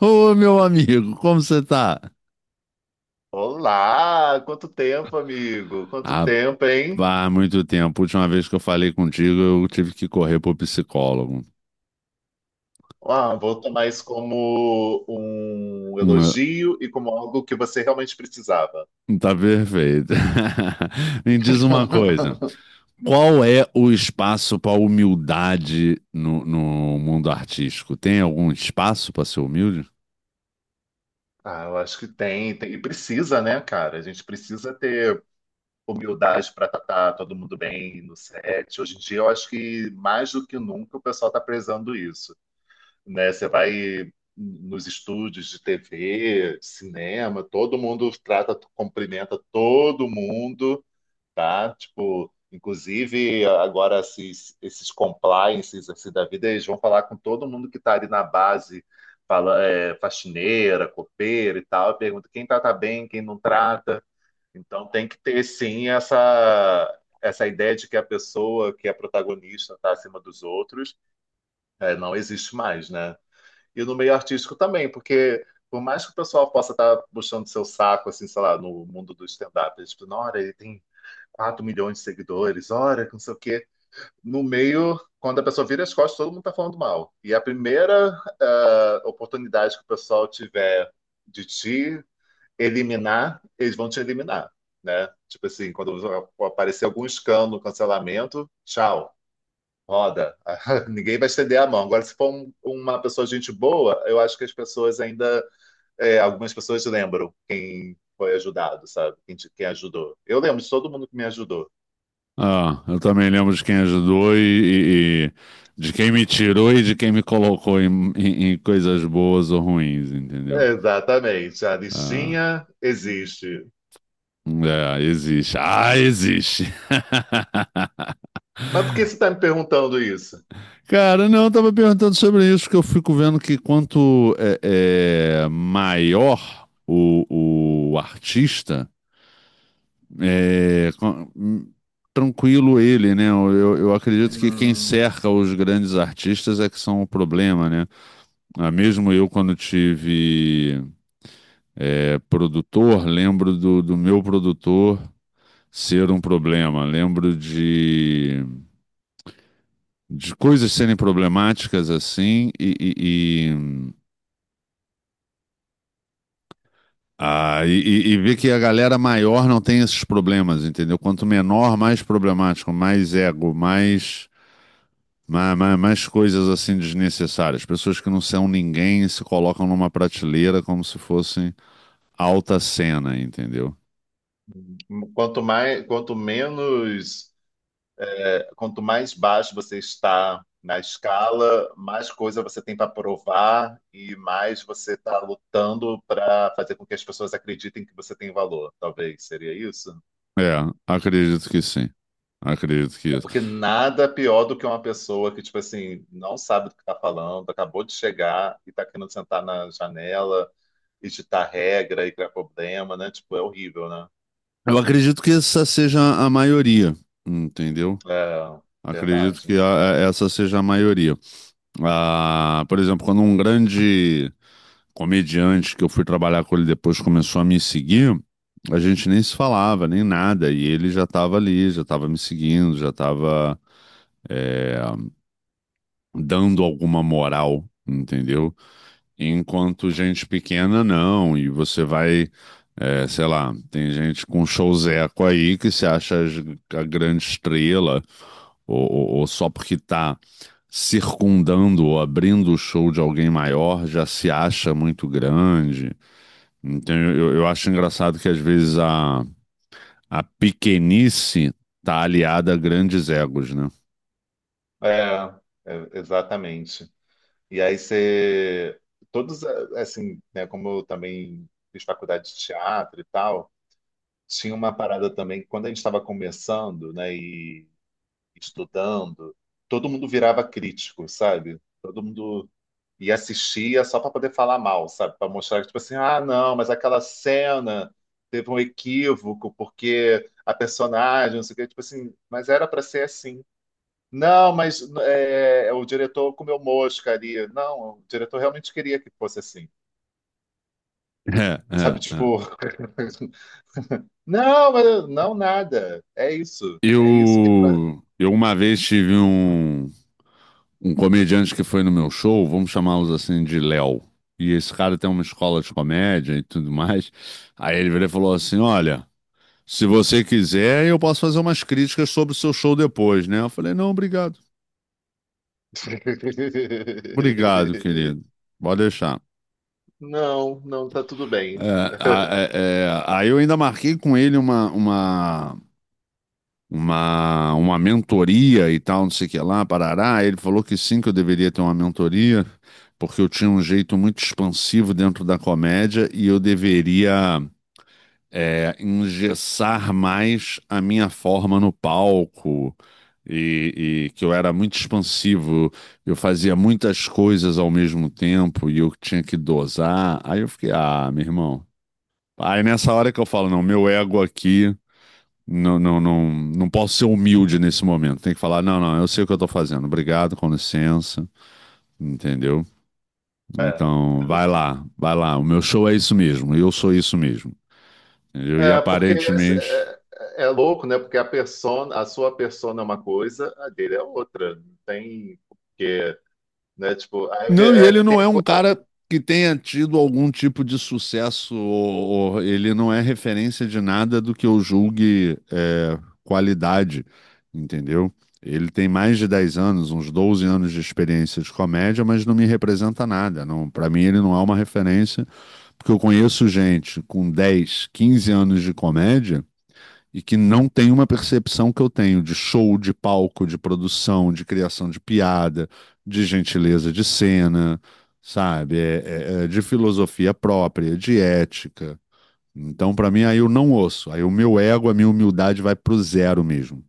Ô, meu amigo, como você tá? Olá, quanto tempo, amigo? Quanto tempo, hein? Rapaz, muito tempo. A última vez que eu falei contigo, eu tive que correr pro psicólogo. Ah, vou tomar isso como um Hum, eh, elogio e como algo que você realmente precisava. Tá perfeito. Me diz uma coisa: qual é o espaço para humildade no mundo artístico? Tem algum espaço para ser humilde? Ah, eu acho que tem, e precisa, né, cara? A gente precisa ter humildade para tratar todo mundo bem no set. Hoje em dia, eu acho que mais do que nunca o pessoal está prezando isso, né? Você vai nos estúdios de TV, cinema, todo mundo trata, cumprimenta todo mundo. Tá? Tipo, inclusive agora esses compliances assim, da vida, eles vão falar com todo mundo que está ali na base, fala, é, faxineira, copeira e tal, e pergunta quem trata bem, quem não trata. Então tem que ter sim essa essa ideia de que a pessoa que é protagonista está acima dos outros, é, não existe mais, né? E no meio artístico também, porque por mais que o pessoal possa estar puxando seu saco, assim, sei lá, no mundo do stand-up, eles falam, olha, ele tem 4 milhões de seguidores, olha, que não sei o quê. No meio, quando a pessoa vira as costas, todo mundo tá falando mal. E a primeira oportunidade que o pessoal tiver de te eliminar, eles vão te eliminar, né? Tipo assim, quando aparecer algum escândalo, cancelamento, tchau, roda. Ninguém vai estender a mão. Agora, se for uma pessoa de gente boa, eu acho que as pessoas ainda, é, algumas pessoas lembram quem foi ajudado, sabe? Quem, quem ajudou. Eu lembro de todo mundo que me ajudou. Ah, eu também lembro de quem ajudou e de quem me tirou e de quem me colocou em coisas boas ou ruins, entendeu? Exatamente, a Ah, listinha existe. é, existe. Ah, existe. Mas por que você está me perguntando isso? Cara, não, eu tava perguntando sobre isso, que eu fico vendo que quanto maior o artista, é, com- hum, tranquilo ele, né? Eu acredito que quem Hum, cerca os grandes artistas é que são o problema, né? Ah, mesmo eu, quando tive produtor, lembro do meu produtor ser um problema. Lembro de coisas serem problemáticas assim e, e ver que a galera maior não tem esses problemas, entendeu? Quanto menor, mais problemático, mais ego, mais coisas assim desnecessárias. Pessoas que não são ninguém e se colocam numa prateleira como se fossem alta cena, entendeu? quanto mais, quanto menos, quanto mais baixo você está na escala, mais coisa você tem para provar e mais você está lutando para fazer com que as pessoas acreditem que você tem valor. Talvez seria isso? É, acredito que sim. Acredito que É isso. porque nada pior do que uma pessoa que, tipo assim, não sabe do que está falando, acabou de chegar e está querendo sentar na janela editar regra e criar problema, né? Tipo, é horrível, né? Eu acredito que essa seja a maioria, entendeu? É, Acredito que verdade. Essa seja a maioria. Ah, por exemplo, quando um grande comediante que eu fui trabalhar com ele depois começou a me seguir, a gente nem se falava, nem nada, e ele já estava ali, já estava me seguindo, já estava dando alguma moral, entendeu? Enquanto gente pequena, não. E você vai, sei lá, tem gente com showzeco aí que se acha a grande estrela, ou só porque tá circundando ou abrindo o show de alguém maior, já se acha muito grande. Então eu acho engraçado que às vezes a pequenice tá aliada a grandes egos, né? É, exatamente. E aí você, todos, assim, né, como eu também fiz faculdade de teatro e tal, tinha uma parada também, que quando a gente estava começando, né, e estudando, todo mundo virava crítico, sabe? Todo mundo e assistia só para poder falar mal, sabe? Para mostrar que, tipo assim, ah, não, mas aquela cena teve um equívoco porque a personagem, não sei o quê, tipo assim, mas era para ser assim. Não, mas o diretor comeu mosca ali. Não, o diretor realmente queria que fosse assim. É, é, Sabe, tipo, é. não, mas não nada. É isso. É isso que. É pra... Eu uma vez tive um comediante que foi no meu show, vamos chamá-los assim de Léo. E esse cara tem uma escola de comédia e tudo mais. Aí ele virou e falou assim: Olha, se você quiser, eu posso fazer umas críticas sobre o seu show depois, né? Eu falei: Não, obrigado. Obrigado, querido. Pode deixar. Não, não, tá tudo bem. É, Aí eu ainda marquei com ele uma mentoria e tal, não sei o que lá, parará. Ele falou que sim, que eu deveria ter uma mentoria, porque eu tinha um jeito muito expansivo dentro da comédia e eu deveria engessar mais a minha forma no palco. E que eu era muito expansivo, eu fazia muitas coisas ao mesmo tempo e eu tinha que dosar. Aí eu fiquei, ah, meu irmão. Aí nessa hora que eu falo, não, meu ego aqui não posso ser humilde nesse momento. Tem que falar, não, não, eu sei o que eu tô fazendo. Obrigado, com licença, entendeu? É, Então, é vai muito lá, vai lá. O meu show é isso mesmo. Eu sou isso mesmo. Entendeu? E É, porque é, aparentemente é louco, né? Porque a persona, a sua persona é uma coisa, a dele é outra. Não tem porque, né? Tipo, aí não, e é ele que não tem é a um coisa, cara que tenha tido algum tipo de sucesso, ou ele não é referência de nada do que eu julgue é, qualidade, entendeu? Ele tem mais de 10 anos, uns 12 anos de experiência de comédia, mas não me representa nada. Não, para mim ele não é uma referência, porque eu conheço gente com 10, 15 anos de comédia e que não tem uma percepção que eu tenho de show, de palco, de produção, de criação de piada, de gentileza de cena, sabe? É de filosofia própria, de ética. Então, para mim, aí eu não ouço. Aí o meu ego, a minha humildade vai pro zero mesmo.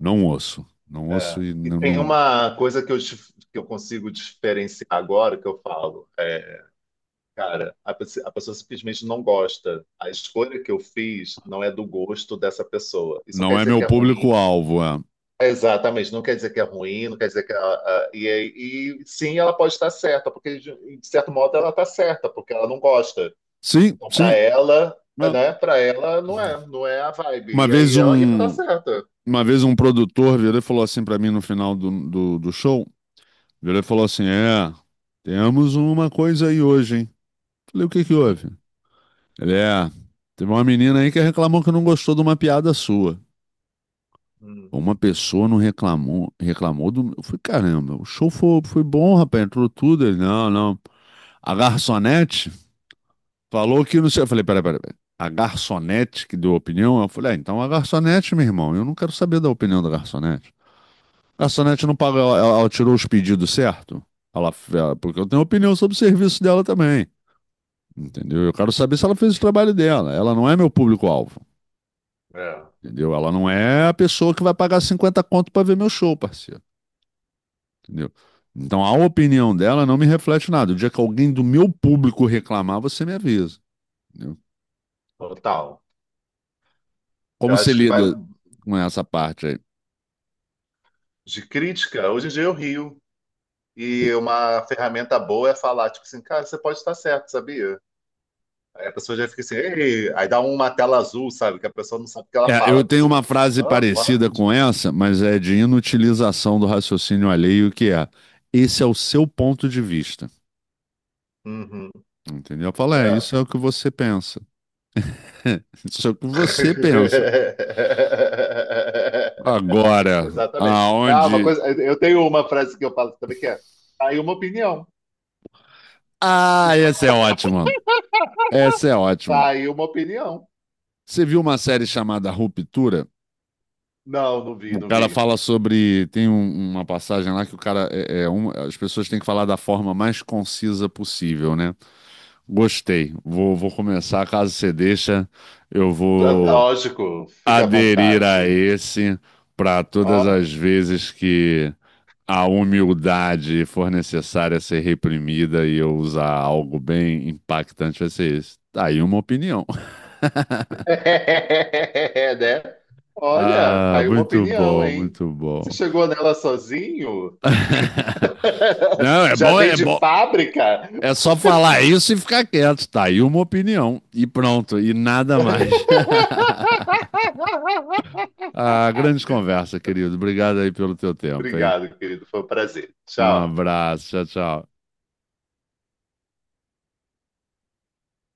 Não ouço. Não ouço é. e E tem uma coisa que eu, que eu consigo diferenciar agora que eu falo. É, cara, a, a pessoa simplesmente não gosta. A escolha que eu fiz não é do gosto dessa pessoa. Isso não quer não é dizer meu que é ruim. público-alvo. É. Exatamente, não quer dizer que é ruim, não quer dizer que ela. E, e sim, ela pode estar certa, porque de certo modo ela está certa, porque ela não gosta. Sim, Então, para sim. ela, Ah. né, para ela não é, não é a Uma vibe. E vez aí ela, e ela está um, certa. uma vez um produtor virou e falou assim para mim no final do show. Virou e falou assim: É, temos uma coisa aí hoje, hein? Falei: O que que Hum, houve? Ele: teve uma menina aí que reclamou que não gostou de uma piada sua. hum, Uma pessoa não reclamou, reclamou do. Eu falei: Caramba, o show foi, foi bom, rapaz, entrou tudo. Ele: Não, não. A garçonete falou que não sei. Eu falei: Peraí. A garçonete que deu a opinião? Eu falei: ah, então a garçonete, meu irmão, eu não quero saber da opinião da garçonete. A garçonete não pagou, ela tirou os pedidos certo? Porque eu tenho opinião sobre o serviço dela também. Entendeu? Eu quero saber se ela fez o trabalho dela. Ela não é meu público-alvo, é, entendeu? Ela não é a pessoa que vai pagar 50 conto para ver meu show, parceiro, entendeu? Então a opinião dela não me reflete nada. O dia que alguém do meu público reclamar, você me avisa, entendeu? total. Como Eu você acho que vai lida com essa parte aí? de crítica. Hoje em dia eu rio. E uma ferramenta boa é falar, tipo assim, cara, você pode estar certo, sabia? Aí a pessoa já fica assim, Ei! Aí dá uma tela azul, sabe? Que a pessoa não sabe o que ela É, eu fala. Tipo tenho assim, uma frase Hã? parecida What? com essa, mas é de inutilização do raciocínio alheio, que é: esse é o seu ponto de vista. Uhum. Entendeu? Eu falo, é, É. isso é o que você pensa. Isso é o que você pensa. Agora, Exatamente. Ah, uma aonde. coisa, eu tenho uma frase que eu falo também que é: tá aí uma opinião, Ah, essa é ótima. Essa é ótima. tá aí uma opinião. Você viu uma série chamada Ruptura? Não, não vi, O não cara vi. fala sobre. Tem uma passagem lá que o cara. É, é as pessoas têm que falar da forma mais concisa possível, né? Gostei. Vou começar. Caso você deixa, eu vou Lógico, fica à aderir a vontade. esse para todas Ó, as vezes que a humildade for necessária ser reprimida e eu usar algo bem impactante vai ser isso. Tá aí uma opinião. né? Olha, tá Ah, aí uma muito opinião, bom, hein? muito bom. Você chegou nela sozinho? Não, é Já bom, vem é de bom. fábrica? É só falar isso e ficar quieto. Tá aí uma opinião e pronto, e nada mais. Ah, grande conversa, querido. Obrigado aí pelo teu tempo, hein? Obrigado, querido, foi um prazer. Tchau. Um abraço, tchau, tchau.